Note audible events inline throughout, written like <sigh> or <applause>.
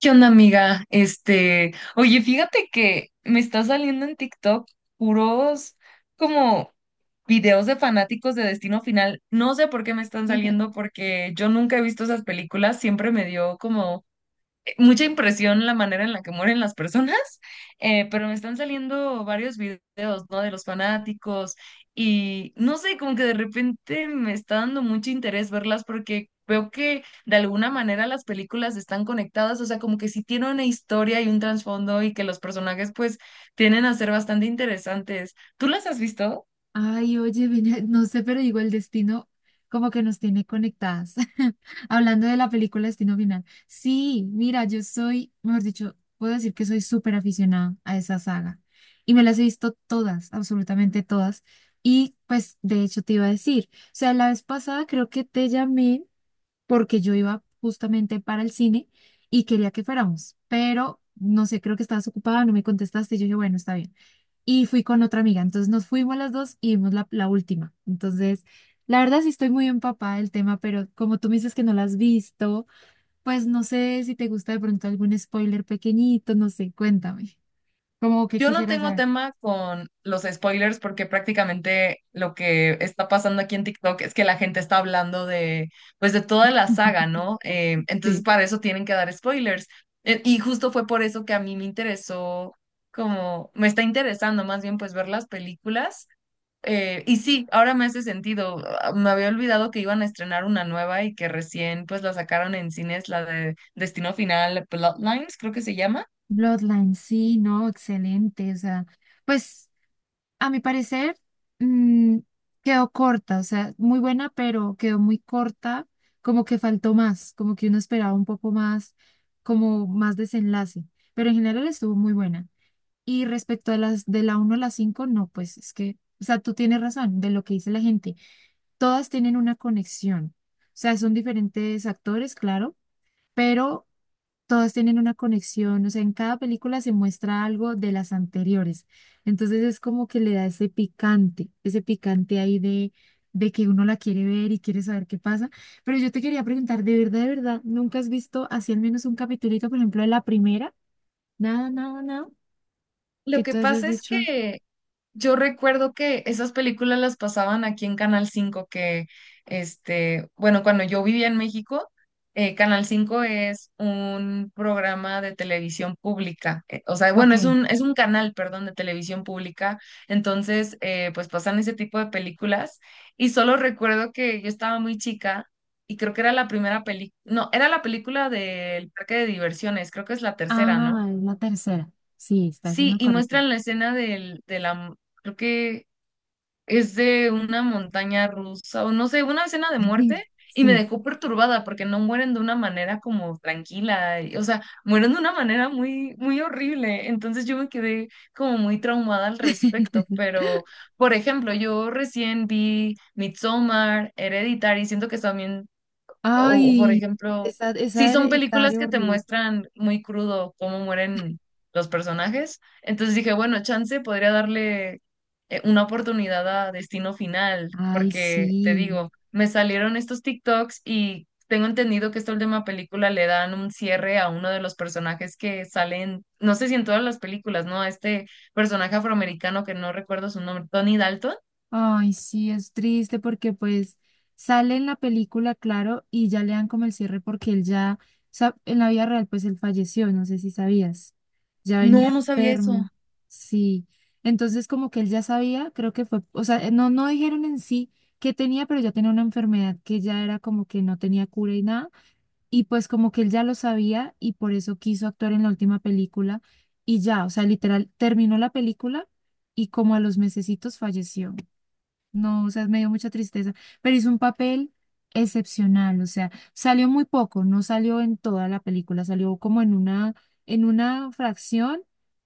¿Qué onda, amiga? Oye, fíjate que me está saliendo en TikTok puros como videos de fanáticos de Destino Final. No sé por qué me están saliendo, <laughs> porque yo nunca he visto esas películas. Siempre me dio como mucha impresión la manera en la que mueren las personas, pero me están saliendo varios videos, ¿no? De los fanáticos. Y no sé, como que de repente me está dando mucho interés verlas porque veo que de alguna manera las películas están conectadas, o sea, como que sí tienen una historia y un trasfondo y que los personajes pues tienen a ser bastante interesantes. ¿Tú las has visto? Ay, oye, no sé, pero digo, el destino como que nos tiene conectadas. <laughs> Hablando de la película Destino Final. Sí, mira, yo soy, mejor dicho, puedo decir que soy súper aficionada a esa saga. Y me las he visto todas, absolutamente todas. Y pues, de hecho, te iba a decir, o sea, la vez pasada creo que te llamé porque yo iba justamente para el cine y quería que fuéramos, pero no sé, creo que estabas ocupada, no me contestaste. Y yo dije, bueno, está bien. Y fui con otra amiga. Entonces nos fuimos las dos y vimos la última. Entonces, la verdad sí estoy muy empapada del tema, pero como tú me dices que no la has visto, pues no sé si te gusta de pronto algún spoiler pequeñito, no sé, cuéntame. Como que Yo no quisieras tengo saber. tema con los spoilers porque prácticamente lo que está pasando aquí en TikTok es que la gente está hablando de, pues, de toda la saga, ¿no? Entonces Sí, para eso tienen que dar spoilers. Y justo fue por eso que a mí me interesó, como, me está interesando más bien, pues, ver las películas. Y sí, ahora me hace sentido. Ah, me había olvidado que iban a estrenar una nueva y que recién, pues, la sacaron en cines, la de Destino Final, Bloodlines, creo que se llama. Bloodline, sí, no, excelente. O sea, pues a mi parecer, mm, quedó corta, o sea, muy buena, pero quedó muy corta, como que faltó más, como que uno esperaba un poco más, como más desenlace, pero en general estuvo muy buena. Y respecto a las de la uno a la 5 no, pues es que, o sea, tú tienes razón de lo que dice la gente, todas tienen una conexión, o sea, son diferentes actores, claro, pero todos tienen una conexión, o sea, en cada película se muestra algo de las anteriores. Entonces es como que le da ese picante ahí de que uno la quiere ver y quiere saber qué pasa. Pero yo te quería preguntar, de verdad, nunca has visto así al menos un capitulito, por ejemplo, de la primera? Nada, nada, nada, Lo que que tú hayas pasa es dicho, que yo recuerdo que esas películas las pasaban aquí en Canal cinco que, bueno, cuando yo vivía en México, Canal cinco es un programa de televisión pública, o sea, ok, bueno, es un canal, perdón, de televisión pública. Entonces, pues pasan ese tipo de películas y solo recuerdo que yo estaba muy chica y creo que era la primera película, no, era la película del parque de diversiones, creo que es la tercera, ¿no? ah, es la tercera. Sí, estás en Sí, lo y correcto. muestran la escena de la, creo que es de una montaña rusa o no sé, una escena de muerte. <laughs> Y me Sí. dejó perturbada porque no mueren de una manera como tranquila, o sea, mueren de una manera muy, muy horrible. Entonces yo me quedé como muy traumada al respecto, <laughs> pero por ejemplo, yo recién vi Midsommar, Hereditary, siento que también o, por Ay, ejemplo, esa, si esa son películas hereditaria que te horrible. muestran muy crudo cómo mueren los personajes. Entonces dije, bueno, chance podría darle una oportunidad a Destino Final, Ay, porque te sí. digo, me salieron estos TikToks y tengo entendido que esta última película le dan un cierre a uno de los personajes que salen, no sé si en todas las películas, ¿no? A este personaje afroamericano que no recuerdo su nombre, Tony Dalton. Ay, sí, es triste porque pues sale en la película, claro, y ya le dan como el cierre porque él ya, o sea, en la vida real pues él falleció, no sé si sabías, ya No, venía no sabía eso. enfermo, sí. Entonces como que él ya sabía, creo que fue, o sea, no, no dijeron en sí que tenía, pero ya tenía una enfermedad que ya era como que no tenía cura y nada. Y pues como que él ya lo sabía y por eso quiso actuar en la última película y ya, o sea, literal, terminó la película y como a los mesecitos falleció. No, o sea, me dio mucha tristeza, pero hizo un papel excepcional, o sea, salió muy poco, no salió en toda la película, salió como en una fracción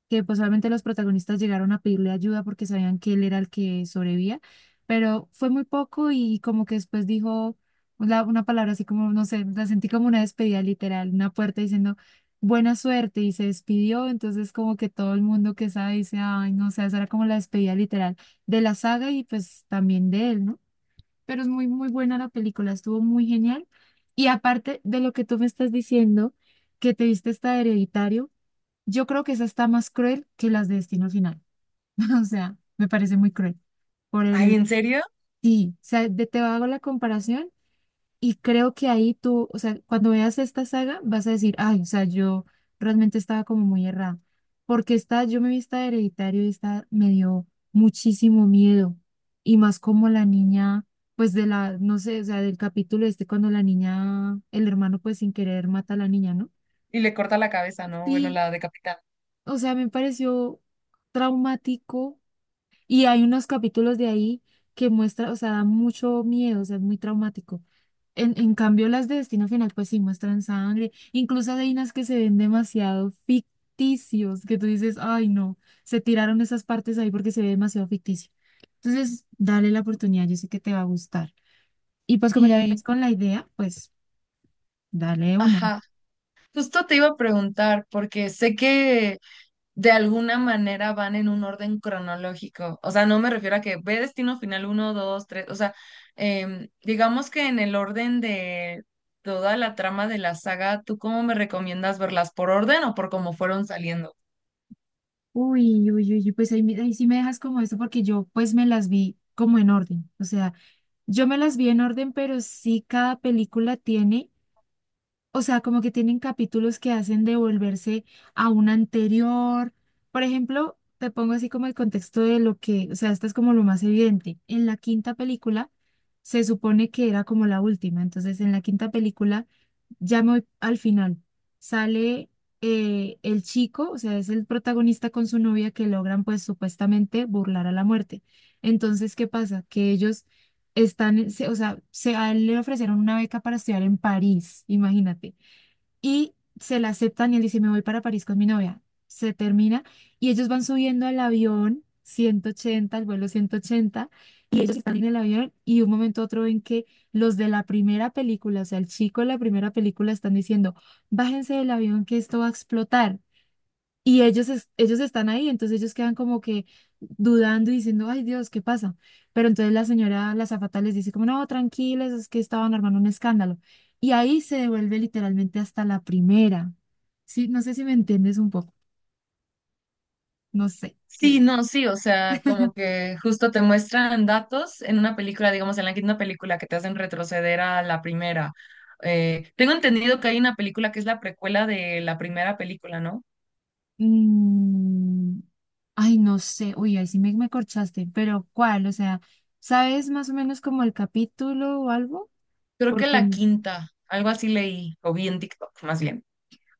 que pues solamente los protagonistas llegaron a pedirle ayuda porque sabían que él era el que sobrevivía, pero fue muy poco y como que después dijo una palabra así como, no sé, la sentí como una despedida literal, una puerta diciendo buena suerte y se despidió, entonces como que todo el mundo que sabe dice, ay, no, o sea, esa era como la despedida literal de la saga y pues también de él, ¿no? Pero es muy, muy buena la película, estuvo muy genial. Y aparte de lo que tú me estás diciendo, que te viste esta de Hereditario, yo creo que esa está más cruel que las de Destino Final. <laughs> O sea, me parece muy cruel. Por Ay, el, ¿en serio? sí, o sea, te hago la comparación y creo que ahí tú, o sea, cuando veas esta saga, vas a decir, ay, o sea, yo realmente estaba como muy errada. Porque esta, yo me vi esta de Hereditario y esta me dio muchísimo miedo. Y más como la niña, pues de la, no sé, o sea, del capítulo este, cuando la niña, el hermano, pues sin querer mata a la niña, ¿no? Y le corta la cabeza, ¿no? Bueno, Sí, la decapita. o sea, me pareció traumático y hay unos capítulos de ahí que muestra, o sea, da mucho miedo, o sea, es muy traumático. En cambio, las de Destino Final, pues sí muestran sangre. Incluso hay unas que se ven demasiado ficticios, que tú dices, ay, no, se tiraron esas partes ahí porque se ve demasiado ficticio. Entonces, dale la oportunidad, yo sé que te va a gustar. Y pues como ya vienes Y, con la idea, pues dale una. ajá, justo te iba a preguntar, porque sé que de alguna manera van en un orden cronológico. O sea, no me refiero a que ve Destino Final uno 2 tres. O sea, digamos que en el orden de toda la trama de la saga, ¿tú cómo me recomiendas verlas? ¿Por orden o por cómo fueron saliendo? Uy, uy, uy, uy, pues ahí, ahí sí me dejas como eso porque yo pues me las vi como en orden. O sea, yo me las vi en orden, pero sí cada película tiene, o sea, como que tienen capítulos que hacen devolverse a un anterior. Por ejemplo, te pongo así como el contexto de lo que, o sea, esto es como lo más evidente. En la quinta película se supone que era como la última, entonces en la quinta película ya me voy al final. Sale el chico, o sea, es el protagonista con su novia que logran pues supuestamente burlar a la muerte. Entonces, ¿qué pasa? Que ellos están, o sea, a él le ofrecieron una beca para estudiar en París, imagínate y se la aceptan y él dice, me voy para París con mi novia. Se termina y ellos van subiendo al avión 180 al vuelo 180 y ellos están en el avión y de un momento a otro ven que los de la primera película, o sea, el chico de la primera película están diciendo, bájense del avión que esto va a explotar. Y ellos, ellos están ahí, entonces ellos quedan como que dudando y diciendo, ay Dios, ¿qué pasa? Pero entonces la señora, la azafata les dice como, no, tranquilos, es que estaban armando un escándalo. Y ahí se devuelve literalmente hasta la primera. Sí, no sé si me entiendes un poco, no sé, Sí, que. no, sí, o sea, como que justo te muestran datos en una película, digamos, en la quinta película, que te hacen retroceder a la primera. Tengo entendido que hay una película que es la precuela de la primera película, ¿no? mm, Ay, no sé, uy, ahí sí me corchaste, pero ¿cuál? O sea, ¿sabes más o menos como el capítulo o algo? Creo que Porque la quinta, algo así leí, o vi en TikTok, más bien.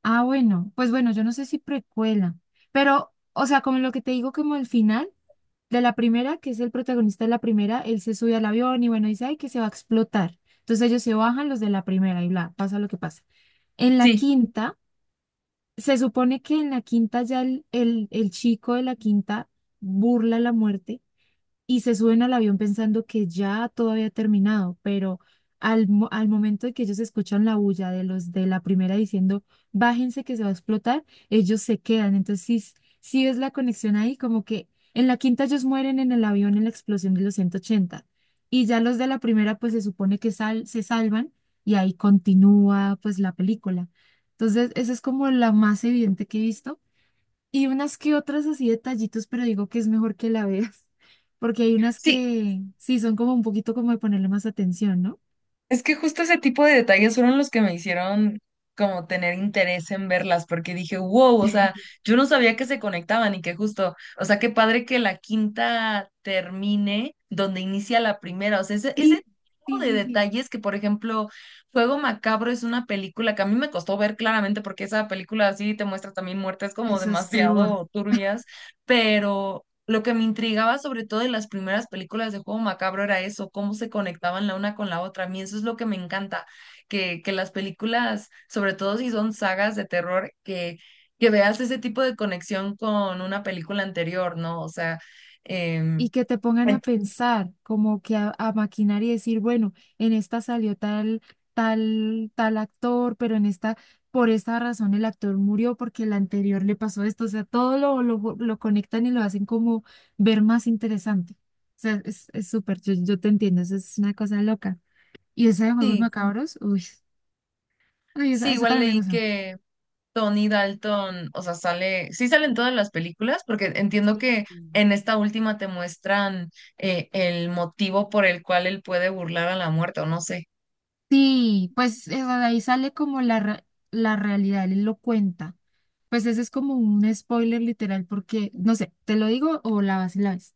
ah, bueno, pues bueno, yo no sé si precuela, pero, o sea, como lo que te digo, como el final de la primera, que es el protagonista de la primera, él se sube al avión y bueno, dice, ay, que se va a explotar. Entonces ellos se bajan los de la primera y bla, pasa lo que pasa. En la Sí, quinta, se supone que en la quinta ya el chico de la quinta burla la muerte y se suben al avión pensando que ya todo había terminado, pero al, al momento de que ellos escuchan la bulla de los de la primera diciendo, bájense que se va a explotar, ellos se quedan. Entonces, sí es la conexión ahí, como que en la quinta ellos mueren en el avión en la explosión de los 180 y ya los de la primera pues se supone que se salvan y ahí continúa pues la película. Entonces, esa es como la más evidente que he visto y unas que otras así detallitos, pero digo que es mejor que la veas, <laughs> porque hay unas sí, que sí son como un poquito como de ponerle más atención, ¿no? es que justo ese tipo de detalles fueron los que me hicieron como tener interés en verlas, porque dije, wow, o sea, <laughs> yo no sabía que se conectaban y que justo, o sea, qué padre que la quinta termine donde inicia la primera, o sea, ese Sí, tipo sí, de sí, sí. detalles que, por ejemplo, Juego Macabro es una película que a mí me costó ver claramente porque esa película así te muestra también muertes como Esa es peor. demasiado turbias, pero lo que me intrigaba sobre todo en las primeras películas de Juego Macabro era eso, cómo se conectaban la una con la otra. A mí eso es lo que me encanta, que las películas, sobre todo si son sagas de terror, que veas ese tipo de conexión con una película anterior, ¿no? O sea, Y em, que te pongan a ent- pensar, como que a maquinar y decir, bueno, en esta salió tal, tal, tal actor, pero en esta, por esta razón el actor murió porque el anterior le pasó esto. O sea, todo lo conectan y lo hacen como ver más interesante. O sea, es súper, yo te entiendo, eso es una cosa loca. Y esa de Juegos sí, Macabros, uy, uy, esa, sí, esa igual también me leí gusta. que Tony Dalton, o sea, sale, sí salen todas las películas, porque entiendo que Mm. en esta última te muestran el motivo por el cual él puede burlar a la muerte, o no sé. Sí, pues eso, de ahí sale como la, la realidad, él lo cuenta. Pues ese es como un spoiler literal, porque, no sé, ¿te lo digo o la vas y la ves?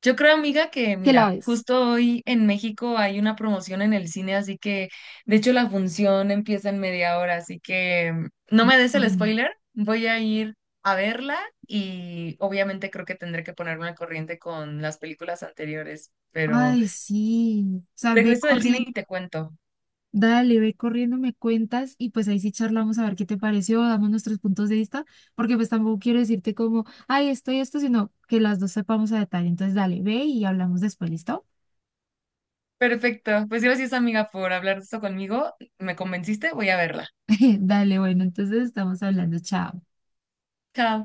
Yo creo, amiga, que <laughs> ¿Qué la mira, ves? justo hoy en México hay una promoción en el cine, así que de hecho la función empieza en media hora, así que no me des el Corriendo. spoiler, voy a ir a verla y obviamente creo que tendré que ponerme al corriente con las películas anteriores, Ay, sí. O sea, ve regreso del cine corriendo, y te cuento. dale, ve corriendo, me cuentas y pues ahí sí charlamos a ver qué te pareció, damos nuestros puntos de vista, porque pues tampoco quiero decirte como, ay, esto y esto, sino que las dos sepamos a detalle. Entonces, dale, ve y hablamos después, ¿listo? Perfecto, pues gracias, amiga, por hablar de esto conmigo, me convenciste, voy a verla. <laughs> Dale, bueno, entonces estamos hablando, chao. Chao.